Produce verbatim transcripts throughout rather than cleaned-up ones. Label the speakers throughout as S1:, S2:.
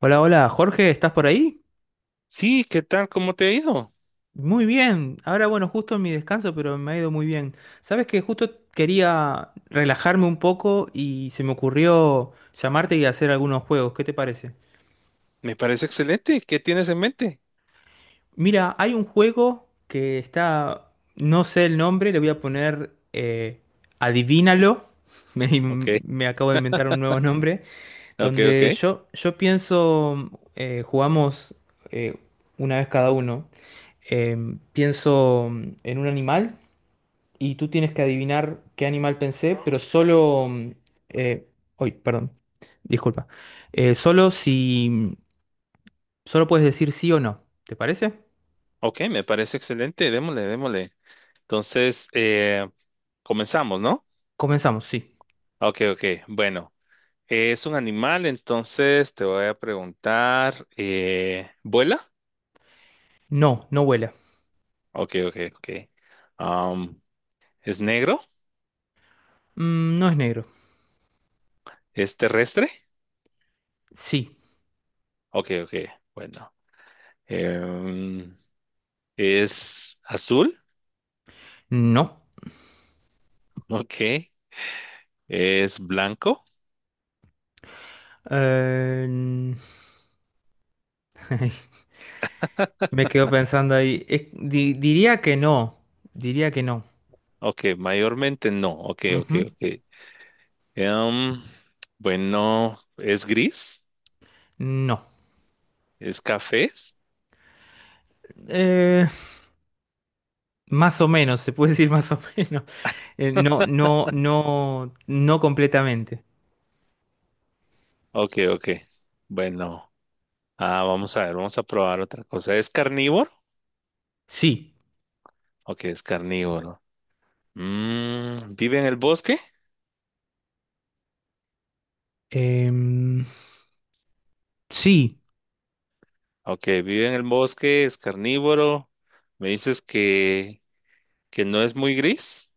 S1: Hola, hola, Jorge, ¿estás por ahí?
S2: Sí, ¿qué tal? ¿Cómo te ha ido?
S1: Muy bien. Ahora, bueno, justo en mi descanso, pero me ha ido muy bien. Sabes que justo quería relajarme un poco y se me ocurrió llamarte y hacer algunos juegos. ¿Qué te parece?
S2: Me parece excelente. ¿Qué tienes en mente?
S1: Mira, hay un juego que está, no sé el nombre, le voy a poner eh, Adivínalo. Me,
S2: Ok,
S1: me acabo de inventar un nuevo nombre,
S2: ok, ok.
S1: donde yo, yo pienso, eh, jugamos eh, una vez cada uno. Eh, pienso mm, en un animal y tú tienes que adivinar qué animal pensé, pero solo... mm, eh, uy, perdón, disculpa. Eh, solo si... mm, solo puedes decir sí o no, ¿te parece?
S2: Ok, me parece excelente. Démosle, démosle. Entonces, eh, comenzamos, ¿no?
S1: Comenzamos, sí.
S2: Ok, ok. Bueno, es un animal, entonces te voy a preguntar, eh, ¿vuela?
S1: No, no vuela.
S2: Ok, ok, ok. Am, ¿es negro?
S1: Mm, no es negro.
S2: ¿Es terrestre?
S1: Sí.
S2: Ok, ok. Bueno. Em, ¿es azul?
S1: No.
S2: Ok. ¿Es blanco?
S1: Eh, n- me quedo pensando ahí. Es- di- diría que no. Diría que no.
S2: Ok, mayormente no. Ok, ok,
S1: Ujú.
S2: ok. Em, bueno, ¿es gris?
S1: No.
S2: ¿Es café?
S1: Eh, Más o menos, se puede decir más o menos. Eh, no, no, no, no completamente.
S2: Ok, ok. Bueno, ah, vamos a ver, vamos a probar otra cosa. ¿Es carnívoro?
S1: Sí.
S2: Ok, es carnívoro. Mm, ¿vive en el bosque?
S1: Em, sí,
S2: Ok, vive en el bosque, es carnívoro. Me dices que, que no es muy gris.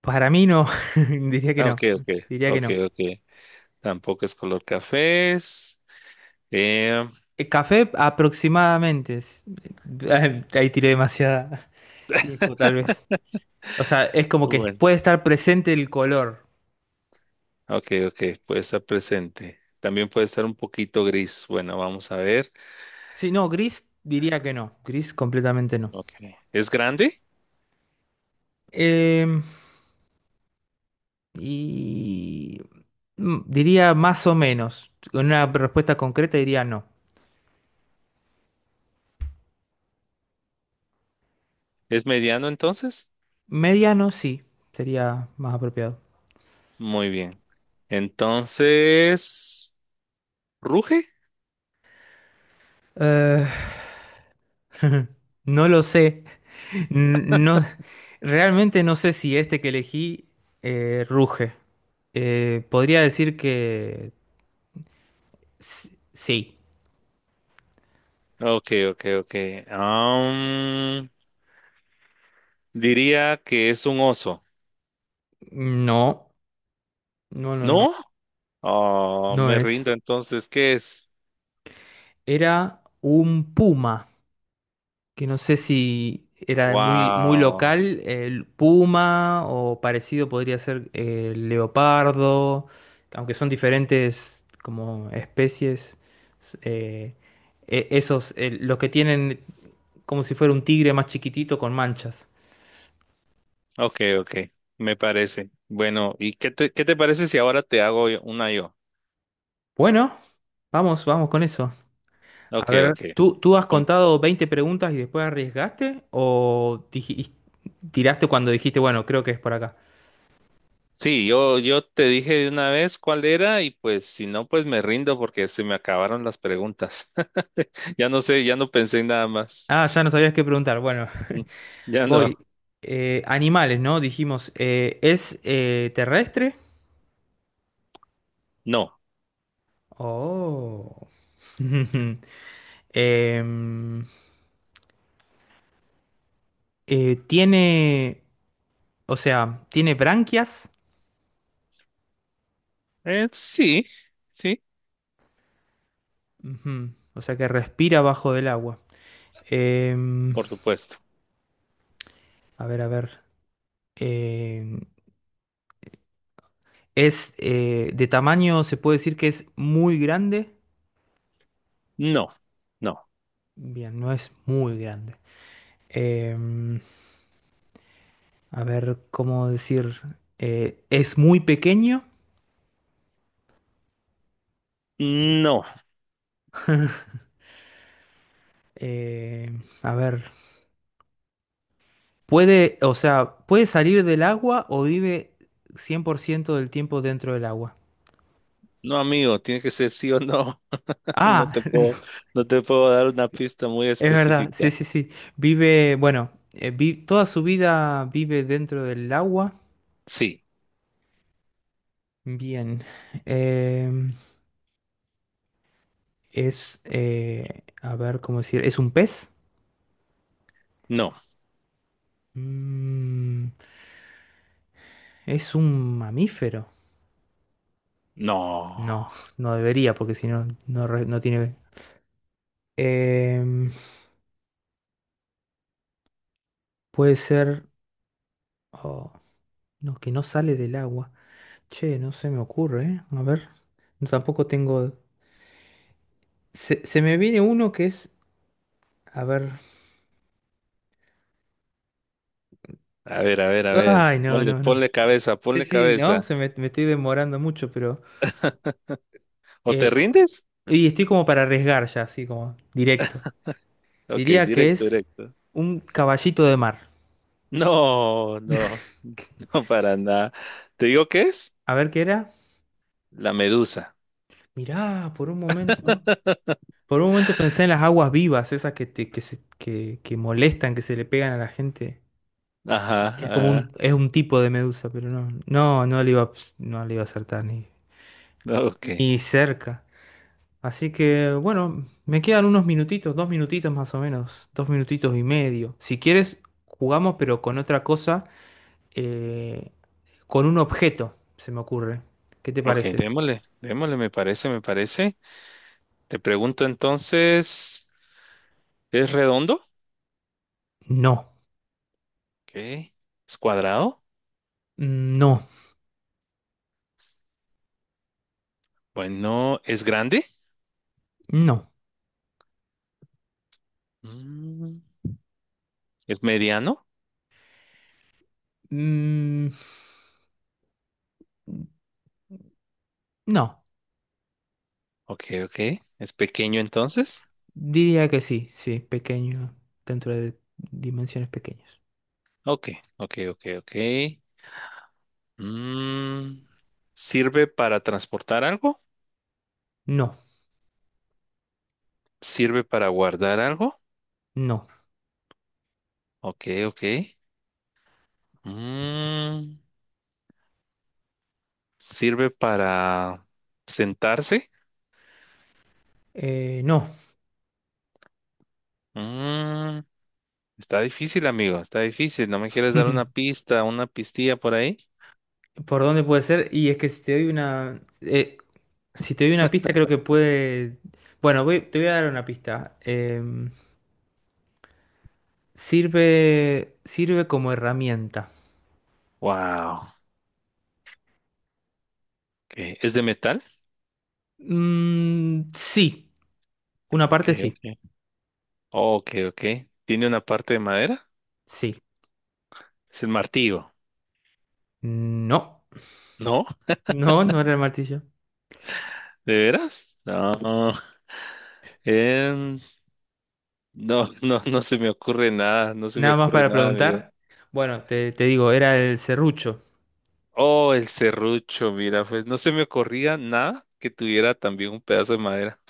S1: para mí no. Diría que
S2: Ah,
S1: no.
S2: ok, ok,
S1: Diría que
S2: ok,
S1: no.
S2: ok. Tampoco es color café. Eh,
S1: Eh, Café aproximadamente. es- eh, Ahí tiré demasiada info, tal vez. O sea, es como que puede estar presente el color.
S2: Ok, ok, puede estar presente. También puede estar un poquito gris. Bueno, vamos a ver.
S1: Sí, no, gris diría que no. Gris completamente no.
S2: Ok. ¿Es grande?
S1: Em, y mm, diría más o menos. Con una respuesta concreta diría no.
S2: ¿Es mediano entonces?
S1: Mediano, sí, sería más apropiado.
S2: Muy bien. Entonces, ¿ruge?
S1: Eh, no lo sé. N- No, realmente no sé si este que elegí eh, ruge. Eh, podría decir que s- sí.
S2: Ok, ok, ok. Am, diría que es un oso.
S1: No, no, no, no.
S2: ¿No? Oh,
S1: No
S2: me rindo
S1: es.
S2: entonces. ¿Qué es?
S1: Era un puma, que no sé si era muy, muy
S2: Wow.
S1: local, el puma, o parecido podría ser el leopardo, aunque son diferentes como especies, s- eh, e- esos, eh, los que tienen como si fuera un tigre más chiquitito con manchas.
S2: Ok, ok. Me parece. Bueno, ¿y qué te, qué te parece si ahora te hago yo- una yo?
S1: Bueno, vamos, vamos con eso. A
S2: Ok,
S1: ver,
S2: ok.
S1: ¿tú, tú has contado veinte preguntas y después arriesgaste o diji- tiraste cuando dijiste, bueno, creo que es por acá?
S2: Sí, yo, yo te dije de una vez cuál era y pues si no, pues me rindo porque se me acabaron las preguntas. Ya no sé, ya no pensé en nada más.
S1: Ah, ya no sabías qué preguntar. Bueno,
S2: Mm, ya
S1: voy.
S2: no.
S1: Eh, animales, ¿no? Dijimos. eh, ¿es eh, terrestre?
S2: No.
S1: Oh. Em, eh, Tiene. O sea, tiene branquias.
S2: Eh, sí, sí,
S1: Ujú. O sea que respira bajo del agua. Em,
S2: por supuesto.
S1: a ver, a ver. Em, es, eh, de tamaño, se puede decir que es muy grande.
S2: No, no,
S1: Bien, no es muy grande. Em, a ver, ¿cómo decir? Eh, es muy pequeño.
S2: no.
S1: Eh, a ver, puede, o sea, puede salir del agua o vive cien por ciento del tiempo dentro del agua.
S2: No, amigo, tiene que ser sí o no. No
S1: Ah,
S2: te puedo, no te puedo dar una pista muy
S1: es verdad,
S2: específica.
S1: sí, sí, sí. Vive, bueno, eh, vi- toda su vida vive dentro del agua.
S2: Sí,
S1: Bien. Em, es, eh, a ver, ¿cómo decir? ¿Es un pez?
S2: no,
S1: Mm, ¿es un mamífero?
S2: no.
S1: No, no debería, porque si no, no, re- no tiene... Em, puede ser... oh, no, que no sale del agua. Che, no se me ocurre, ¿eh? A ver. No, tampoco tengo. Se, se me viene uno que es. A ver.
S2: A ver, a ver, a ver.
S1: Ay, no,
S2: Ponle,
S1: no, no.
S2: ponle cabeza,
S1: Sí,
S2: ponle
S1: sí, no. Se
S2: cabeza.
S1: me, me estoy demorando mucho, pero.
S2: ¿O
S1: eh,
S2: te rindes?
S1: y estoy como para arriesgar ya, así como directo.
S2: Ok,
S1: Diría que
S2: directo,
S1: es
S2: directo.
S1: un caballito de mar.
S2: No, no, no para nada. ¿Te digo qué es?
S1: A ver qué era.
S2: La medusa.
S1: Mirá, por un momento. Por un momento pensé en las aguas vivas, esas que, te- que, se- que, que molestan, que se le pegan a la gente.
S2: Ajá,
S1: Es como un,
S2: ajá.
S1: es un tipo de medusa, pero no, no, no le iba, a- no le iba a acertar ni,
S2: Ok,
S1: ni cerca. Así que bueno, me quedan unos minutitos, dos minutitos más o menos, dos minutitos y medio. Si quieres, jugamos, pero con otra cosa, eh, con un objeto, se me ocurre. ¿Qué te
S2: ok,
S1: parece?
S2: démosle, démosle, me parece, me parece. Te pregunto entonces, ¿es redondo?
S1: No.
S2: Ok. ¿Es cuadrado?
S1: Mm, no,
S2: Bueno, ¿es grande?
S1: no.
S2: Mm, ¿es mediano?
S1: Mm, no,
S2: Ok, ok. ¿Es pequeño entonces?
S1: diría que sí, sí, pequeño, dentro de dimensiones pequeñas.
S2: Ok, ok, ok, ok. Mm, ¿sirve para transportar algo?
S1: No,
S2: ¿Sirve para guardar algo?
S1: no,
S2: Ok, ok. Mm, sirve para sentarse.
S1: eh, no.
S2: Mm, está difícil, amigo. Está difícil. ¿No me quieres dar una pista, una pistilla por ahí?
S1: ¿Por dónde puede ser? Y es que si te doy una. Eh, si te doy una pista, creo que puede. Bueno, voy- te voy a dar una pista. Em, sirve. Sirve como herramienta.
S2: Wow. Okay. ¿Es de metal?
S1: Mm, sí. Una
S2: Ok,
S1: parte sí.
S2: ok. Ok, ok. ¿Tiene una parte de madera?
S1: Sí.
S2: Es el martillo.
S1: No.
S2: ¿No?
S1: No, no era el martillo.
S2: ¿De veras? No. Em, no, no, no se me ocurre nada. No se me
S1: Nada más
S2: ocurre
S1: para
S2: nada, amigo.
S1: preguntar. Bueno, te, te digo, era el serrucho.
S2: Oh, el serrucho, mira, pues no se me ocurría nada que tuviera también un pedazo de madera.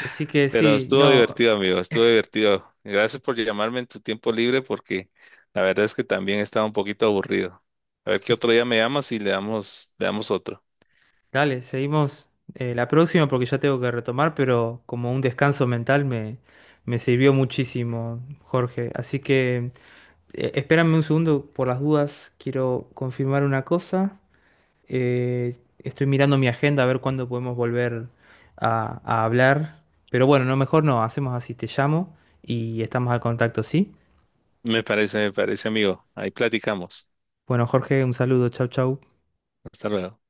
S1: Así que
S2: Pero
S1: sí,
S2: estuvo
S1: no.
S2: divertido, amigo, estuvo divertido. Gracias por llamarme en tu tiempo libre porque la verdad es que también estaba un poquito aburrido. A ver qué otro día me llamas y le damos, le damos otro.
S1: Dale, seguimos eh, la próxima porque ya tengo que retomar, pero como un descanso mental me, me sirvió muchísimo, Jorge. Así que eh, espérame un segundo por las dudas, quiero confirmar una cosa. Eh, estoy mirando mi agenda a ver cuándo podemos volver a, a hablar. Pero bueno, no, mejor no, hacemos así, te llamo y estamos al contacto, ¿sí?
S2: Me parece, me parece, amigo. Ahí platicamos.
S1: Bueno, Jorge, un saludo, chau, chau.
S2: Hasta luego.